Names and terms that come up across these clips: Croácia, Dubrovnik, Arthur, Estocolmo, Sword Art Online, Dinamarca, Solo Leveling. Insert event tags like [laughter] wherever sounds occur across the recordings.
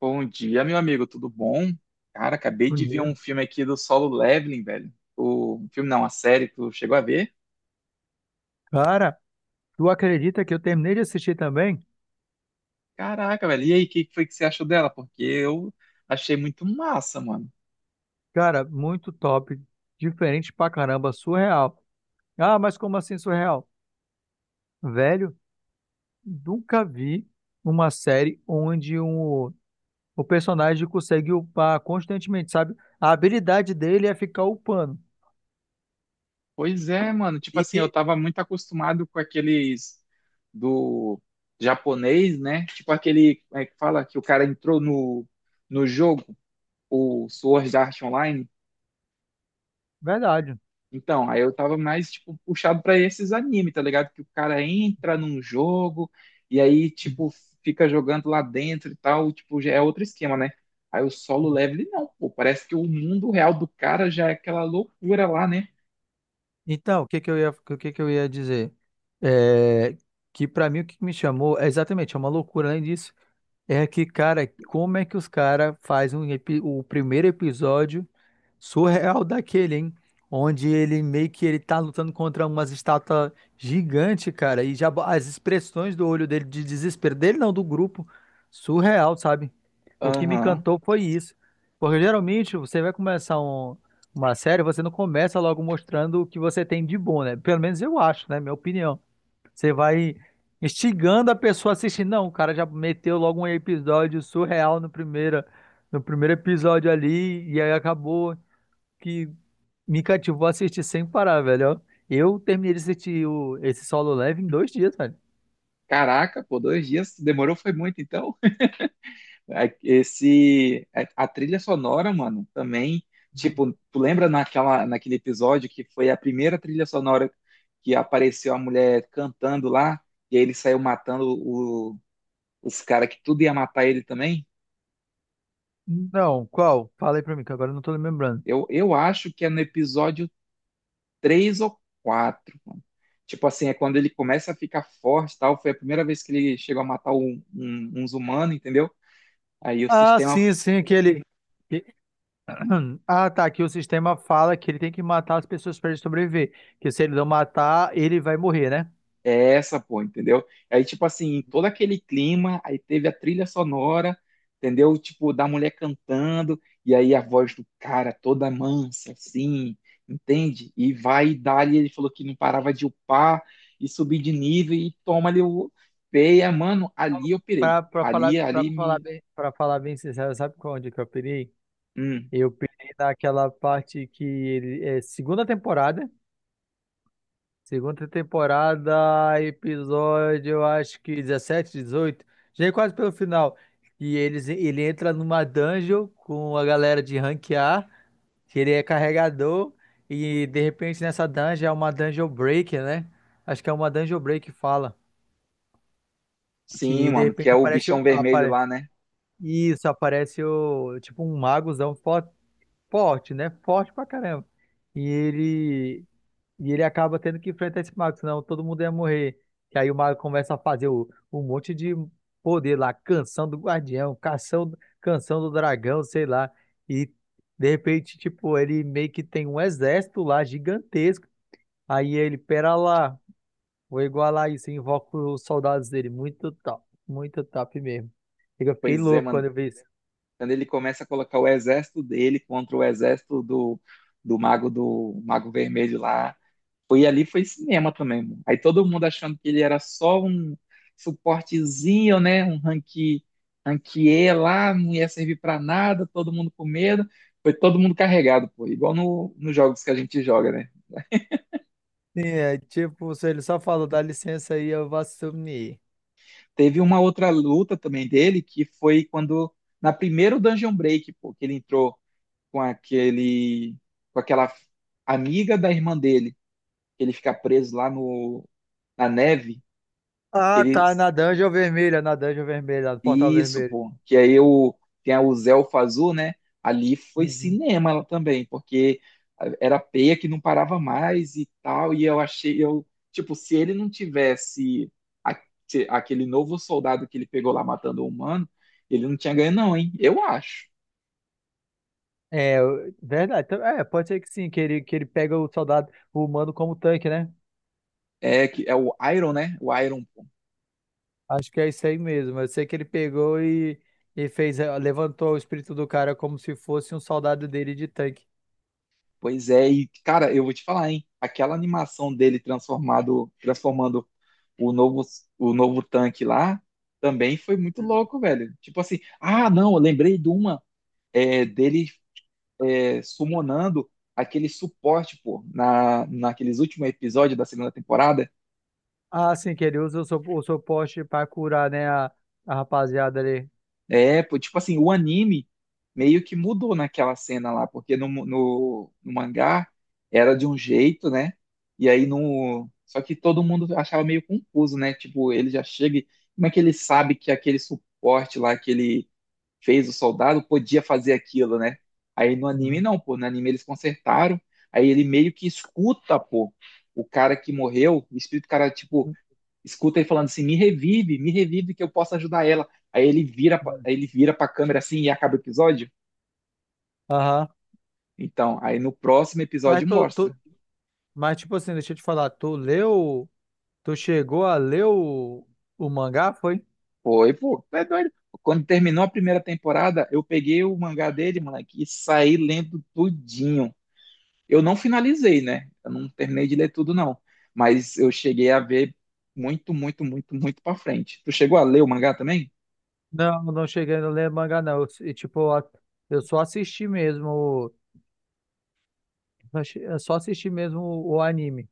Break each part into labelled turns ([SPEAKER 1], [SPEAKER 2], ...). [SPEAKER 1] Bom dia, meu amigo, tudo bom? Cara, acabei de ver um
[SPEAKER 2] Maneiro.
[SPEAKER 1] filme aqui do Solo Leveling, velho. O um filme não, uma série, tu chegou a ver?
[SPEAKER 2] Cara, tu acredita que eu terminei de assistir também?
[SPEAKER 1] Caraca, velho, e aí, o que que foi que você achou dela? Porque eu achei muito massa, mano.
[SPEAKER 2] Cara, muito top. Diferente pra caramba, surreal. Ah, mas como assim surreal? Velho, nunca vi uma série onde o personagem consegue upar constantemente, sabe? A habilidade dele é ficar upando.
[SPEAKER 1] Pois é, mano, tipo
[SPEAKER 2] E
[SPEAKER 1] assim,
[SPEAKER 2] que,
[SPEAKER 1] eu tava muito acostumado com aqueles do japonês, né? Tipo aquele, como é que fala, que o cara entrou no jogo, o Sword Art Online.
[SPEAKER 2] verdade.
[SPEAKER 1] Então, aí eu tava mais, tipo, puxado pra esses anime, tá ligado? Que o cara entra num jogo e aí, tipo, fica jogando lá dentro e tal, tipo, já é outro esquema, né? Aí o solo level, não, pô, parece que o mundo real do cara já é aquela loucura lá, né?
[SPEAKER 2] Então, o que que eu ia dizer? É, que pra mim o que me chamou, é exatamente, é uma loucura além disso. É que, cara, como é que os caras fazem o primeiro episódio surreal daquele, hein? Onde ele meio que ele tá lutando contra umas estátuas gigantes, cara, e as expressões do olho dele, de desespero dele, não, do grupo, surreal, sabe? O que me
[SPEAKER 1] Aham.
[SPEAKER 2] encantou foi isso. Porque geralmente você vai começar uma série, você não começa logo mostrando o que você tem de bom, né? Pelo menos eu acho, né? Minha opinião. Você vai instigando a pessoa a assistir. Não, o cara já meteu logo um episódio surreal no primeiro episódio ali, e aí acabou que me cativou a assistir sem parar, velho. Ó. Eu terminei de assistir esse Solo Leveling em 2 dias, velho.
[SPEAKER 1] Caraca, pô, 2 dias demorou, foi muito, então. É, esse, é, a trilha sonora, mano, também, tipo, tu lembra naquele episódio que foi a primeira trilha sonora que apareceu a mulher cantando lá, e aí ele saiu matando os caras que tudo ia matar ele também?
[SPEAKER 2] Não, qual? Fala aí pra mim, que agora eu não tô lembrando.
[SPEAKER 1] Eu acho que é no episódio 3 ou 4, mano. Tipo assim, é quando ele começa a ficar forte e tal, foi a primeira vez que ele chegou a matar um, uns humanos, entendeu? Aí o
[SPEAKER 2] Ah,
[SPEAKER 1] sistema.
[SPEAKER 2] sim, sim, que- [clears throat] Ah, tá. Que o sistema fala que ele tem que matar as pessoas para ele sobreviver. Que se ele não matar, ele vai morrer, né?
[SPEAKER 1] É essa, pô, entendeu? Aí, tipo assim, em todo aquele clima, aí teve a trilha sonora, entendeu? Tipo, da mulher cantando, e aí a voz do cara toda mansa, assim, entende? E vai dar, ele falou que não parava de upar e subir de nível e toma ali o peia, mano, ali eu pirei.
[SPEAKER 2] Pra,
[SPEAKER 1] Ali, ali me.
[SPEAKER 2] pra falar bem sincero, sabe onde que eu pirei?
[SPEAKER 1] Hum,
[SPEAKER 2] Eu pirei naquela parte que ele é segunda temporada, episódio, eu acho que 17 18 já é quase pelo final. Ele entra numa dungeon com a galera de rank A, que ele é carregador, e de repente nessa dungeon é uma dungeon break, né? Acho que é uma dungeon break que fala.
[SPEAKER 1] sim,
[SPEAKER 2] Que de
[SPEAKER 1] mano, que é
[SPEAKER 2] repente
[SPEAKER 1] o
[SPEAKER 2] aparece.
[SPEAKER 1] bichão vermelho lá, né?
[SPEAKER 2] Isso, aparece tipo um magozão forte, forte, né? Forte pra caramba. E ele, e ele acaba tendo que enfrentar esse mago, senão todo mundo ia morrer. E aí o mago começa a fazer um monte de poder lá, canção, canção do dragão, sei lá. E de repente, tipo, ele meio que tem um exército lá gigantesco. Aí ele, pera lá, vou igualar isso, invoca os soldados dele. Muito top mesmo. Eu fiquei
[SPEAKER 1] Pois é,
[SPEAKER 2] louco quando
[SPEAKER 1] mano.
[SPEAKER 2] eu vi isso.
[SPEAKER 1] Quando ele começa a colocar o exército dele contra o exército do, do mago vermelho lá. Foi ali, foi cinema também, mano. Aí todo mundo achando que ele era só um suportezinho, né? Um ranqui, ranquier lá, não ia servir pra nada, todo mundo com medo. Foi todo mundo carregado, pô. Igual no, nos jogos que a gente joga, né?
[SPEAKER 2] Sim, é tipo, se ele só falou, dá licença aí, eu vou assumir.
[SPEAKER 1] Teve uma outra luta também dele, que foi quando, na primeira Dungeon Break, pô, que ele entrou com aquele, com aquela amiga da irmã dele, que ele fica preso lá no, na neve, que
[SPEAKER 2] Ah,
[SPEAKER 1] ele.
[SPEAKER 2] tá, na dungeon vermelha, no portal
[SPEAKER 1] Isso,
[SPEAKER 2] vermelho.
[SPEAKER 1] pô. Que aí eu, tem o Zé Fazul, né? Ali foi
[SPEAKER 2] Uhum.
[SPEAKER 1] cinema ela também, porque era peia que não parava mais e tal. E eu achei, eu, tipo, se ele não tivesse a- aquele novo soldado que ele pegou lá matando o humano, ele não tinha ganho, não, hein? Eu acho.
[SPEAKER 2] Verdade. Então, pode ser que sim, que ele pega o soldado o humano como tanque, né?
[SPEAKER 1] É, que é o Iron, né? O Iron, pô.
[SPEAKER 2] Acho que é isso aí mesmo. Eu sei que ele pegou e fez, levantou o espírito do cara como se fosse um soldado dele de tanque.
[SPEAKER 1] Pois é, e cara, eu vou te falar, hein? Aquela animação dele transformado, transformando o novo, o novo tanque lá também foi muito louco, velho. Tipo assim, ah, não, eu lembrei de uma dele summonando aquele suporte, pô, na, naqueles últimos episódios da segunda temporada.
[SPEAKER 2] Ah, sim, que ele usa o suporte pra curar, né, a rapaziada ali.
[SPEAKER 1] É, pô, tipo assim, o anime meio que mudou naquela cena lá, porque no, no mangá era de um jeito, né? E aí no. Só que todo mundo achava meio confuso, né? Tipo, ele já chega. Como é que ele sabe que aquele suporte lá, aquele fez o soldado, podia fazer aquilo, né? Aí no anime
[SPEAKER 2] Uhum.
[SPEAKER 1] não, pô, no anime eles consertaram, aí ele meio que escuta, pô, o cara que morreu, o espírito do cara, tipo, escuta ele falando assim, me revive que eu posso ajudar ela. Aí ele vira,
[SPEAKER 2] Uhum.
[SPEAKER 1] aí ele vira pra câmera assim e acaba o episódio.
[SPEAKER 2] Aham.
[SPEAKER 1] Então, aí no próximo
[SPEAKER 2] Mas
[SPEAKER 1] episódio
[SPEAKER 2] tu,
[SPEAKER 1] mostra.
[SPEAKER 2] tu, Mas, tipo assim, deixa eu te falar, tu chegou a ler o mangá, foi?
[SPEAKER 1] Foi, pô, é doido. Quando terminou a primeira temporada, eu peguei o mangá dele, moleque, e saí lendo tudinho. Eu não finalizei, né? Eu não terminei de ler tudo, não. Mas eu cheguei a ver muito, muito, muito, muito pra frente. Tu chegou a ler o mangá também?
[SPEAKER 2] Não, não cheguei a ler mangá, não. Eu, e, tipo, a- eu só assisti mesmo, o eu só assisti mesmo o anime,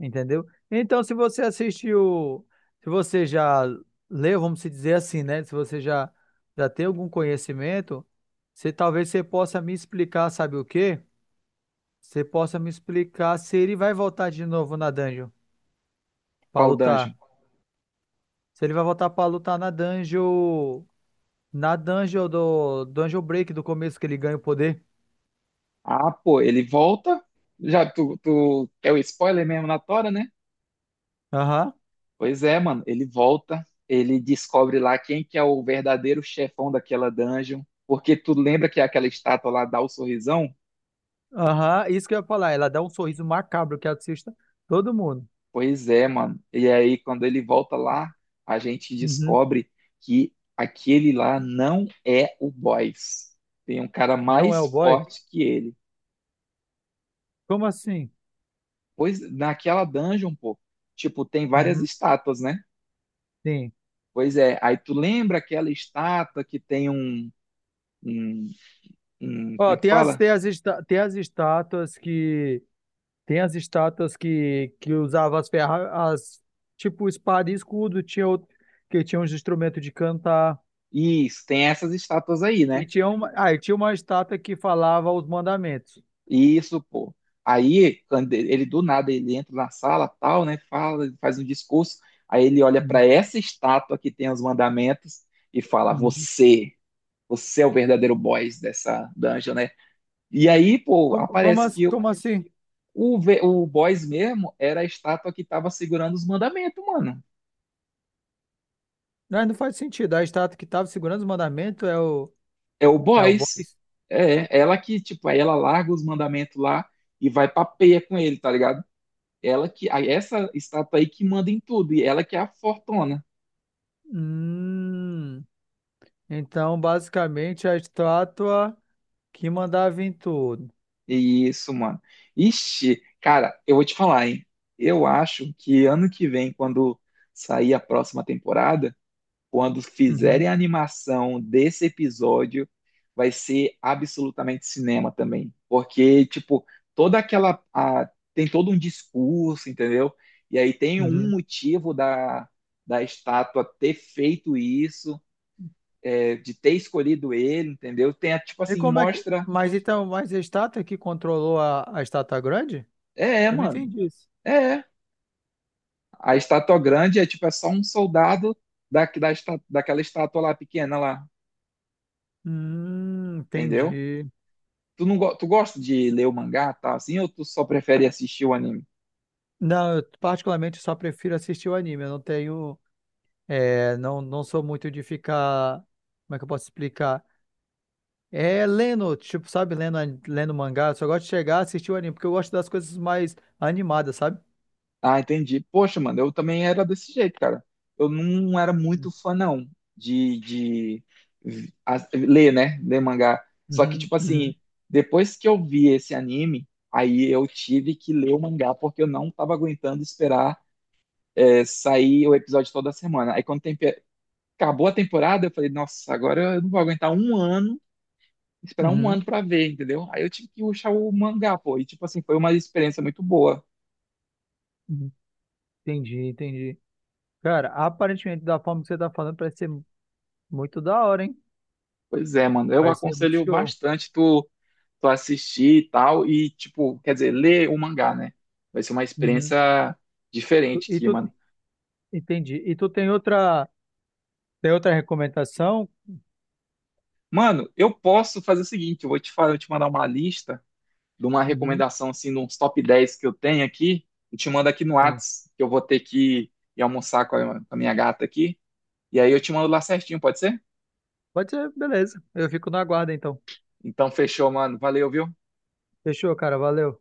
[SPEAKER 2] entendeu? Então, se você assistiu, se você já leu, vamos se dizer assim, né? Se você já, já tem algum conhecimento, você talvez você possa me explicar, sabe o quê? Você possa me explicar se ele vai voltar de novo na dungeon pra
[SPEAKER 1] Qual
[SPEAKER 2] lutar.
[SPEAKER 1] dungeon?
[SPEAKER 2] Se ele vai voltar pra lutar na dungeon. Na dungeon do Dungeon Break do começo que ele ganha o poder.
[SPEAKER 1] Ah, pô, ele volta. Já tu é o spoiler mesmo na tora, né?
[SPEAKER 2] Aham.
[SPEAKER 1] Pois é, mano. Ele volta. Ele descobre lá quem que é o verdadeiro chefão daquela dungeon. Porque tu lembra que é aquela estátua lá dá o sorrisão?
[SPEAKER 2] Aham. Isso que eu ia falar. Ela dá um sorriso macabro que assista todo mundo.
[SPEAKER 1] Pois é, mano. E aí, quando ele volta lá, a gente
[SPEAKER 2] Uhum.
[SPEAKER 1] descobre que aquele lá não é o boss. Tem um cara
[SPEAKER 2] Não é
[SPEAKER 1] mais
[SPEAKER 2] o boy?
[SPEAKER 1] forte que ele.
[SPEAKER 2] Como assim?
[SPEAKER 1] Pois naquela dungeon, pô, tipo, tem várias
[SPEAKER 2] Uhum.
[SPEAKER 1] estátuas, né?
[SPEAKER 2] Sim.
[SPEAKER 1] Pois é. Aí tu lembra aquela estátua que tem um, um, como
[SPEAKER 2] Ó,
[SPEAKER 1] é que
[SPEAKER 2] tem as,
[SPEAKER 1] fala?
[SPEAKER 2] tem as, esta- tem as estátuas que. Tem as estátuas que usava as ferras. Tipo espada e escudo. Tinha outro, que tinha uns instrumentos de cantar.
[SPEAKER 1] Isso, tem essas estátuas aí, né?
[SPEAKER 2] E tinha uma estátua que falava os mandamentos.
[SPEAKER 1] Isso, pô. Aí, quando ele do nada, ele entra na sala, tal, né? Fala, faz um discurso. Aí ele olha
[SPEAKER 2] Uhum.
[SPEAKER 1] para essa estátua que tem os mandamentos e fala:
[SPEAKER 2] Uhum.
[SPEAKER 1] você, você é o verdadeiro boss dessa dungeon, né? E aí, pô, aparece que
[SPEAKER 2] Como assim?
[SPEAKER 1] o, o boss mesmo era a estátua que tava segurando os mandamentos, mano.
[SPEAKER 2] Não, não faz sentido. A estátua que estava segurando os mandamentos
[SPEAKER 1] É o
[SPEAKER 2] é o boi?
[SPEAKER 1] boss. É, ela que, tipo, aí ela larga os mandamentos lá e vai pra peia com ele, tá ligado? Ela que, aí essa estátua aí que manda em tudo, e ela que é a fortuna.
[SPEAKER 2] Hum, então, basicamente, a estátua que mandava em tudo.
[SPEAKER 1] Isso, mano. Ixi, cara, eu vou te falar, hein? Eu acho que ano que vem, quando sair a próxima temporada, quando
[SPEAKER 2] Uhum,
[SPEAKER 1] fizerem a animação desse episódio, vai ser absolutamente cinema também. Porque, tipo, toda aquela. Tem todo um discurso, entendeu? E aí tem um
[SPEAKER 2] uhum.
[SPEAKER 1] motivo da, da estátua ter feito isso, é, de ter escolhido ele, entendeu? Tem, tipo
[SPEAKER 2] E
[SPEAKER 1] assim,
[SPEAKER 2] como é que.
[SPEAKER 1] mostra.
[SPEAKER 2] Mas então, mas a estátua que controlou a estátua grande?
[SPEAKER 1] É, é,
[SPEAKER 2] Eu não
[SPEAKER 1] mano.
[SPEAKER 2] entendi isso.
[SPEAKER 1] É, é. A estátua grande é tipo, é só um soldado da, daquela estátua lá pequena lá, entendeu?
[SPEAKER 2] Entendi.
[SPEAKER 1] Tu não go- Tu gosta de ler o mangá, tá? Assim, ou tu só prefere assistir o anime?
[SPEAKER 2] Não, eu particularmente só prefiro assistir o anime. Eu não tenho. Não, não sou muito de ficar. Como é que eu posso explicar? É lendo, tipo, sabe, lendo mangá, eu só gosto de chegar, assistir o anime, porque eu gosto das coisas mais animadas, sabe?
[SPEAKER 1] Ah, entendi. Poxa, mano, eu também era desse jeito, cara. Eu não era muito fã, não, de, de ler, né? Ler mangá. Só que,
[SPEAKER 2] Uhum,
[SPEAKER 1] tipo
[SPEAKER 2] uhum,
[SPEAKER 1] assim, depois que eu vi esse anime, aí eu tive que ler o mangá, porque eu não tava aguentando esperar sair o episódio toda semana. Aí quando tem acabou a temporada, eu falei, nossa, agora eu não vou aguentar um ano, esperar um
[SPEAKER 2] uhum,
[SPEAKER 1] ano pra ver, entendeu? Aí eu tive que rushar o mangá, pô, e tipo assim, foi uma experiência muito boa.
[SPEAKER 2] uhum. Entendi, entendi. Cara, aparentemente, da forma que você tá falando, parece ser muito da hora, hein?
[SPEAKER 1] Pois é, mano, eu
[SPEAKER 2] Parece ser muito
[SPEAKER 1] aconselho
[SPEAKER 2] show.
[SPEAKER 1] bastante tu, tu assistir e tal, e tipo, quer dizer, ler o mangá, né? Vai ser uma
[SPEAKER 2] Uhum.
[SPEAKER 1] experiência
[SPEAKER 2] Tu-
[SPEAKER 1] diferente
[SPEAKER 2] E
[SPEAKER 1] aqui,
[SPEAKER 2] tu,
[SPEAKER 1] mano.
[SPEAKER 2] entendi. E tu tem tem outra recomendação?
[SPEAKER 1] Mano, eu posso fazer o seguinte, eu vou te falar, eu te mandar uma lista de uma
[SPEAKER 2] Uhum,
[SPEAKER 1] recomendação, assim, de uns top 10 que eu tenho aqui, eu te mando aqui no
[SPEAKER 2] sim.
[SPEAKER 1] Whats, que eu vou ter que ir almoçar com a minha gata aqui. E aí eu te mando lá certinho, pode ser?
[SPEAKER 2] Pode ser, beleza. Eu fico na guarda, então.
[SPEAKER 1] Então fechou, mano. Valeu, viu?
[SPEAKER 2] Fechou, cara, valeu.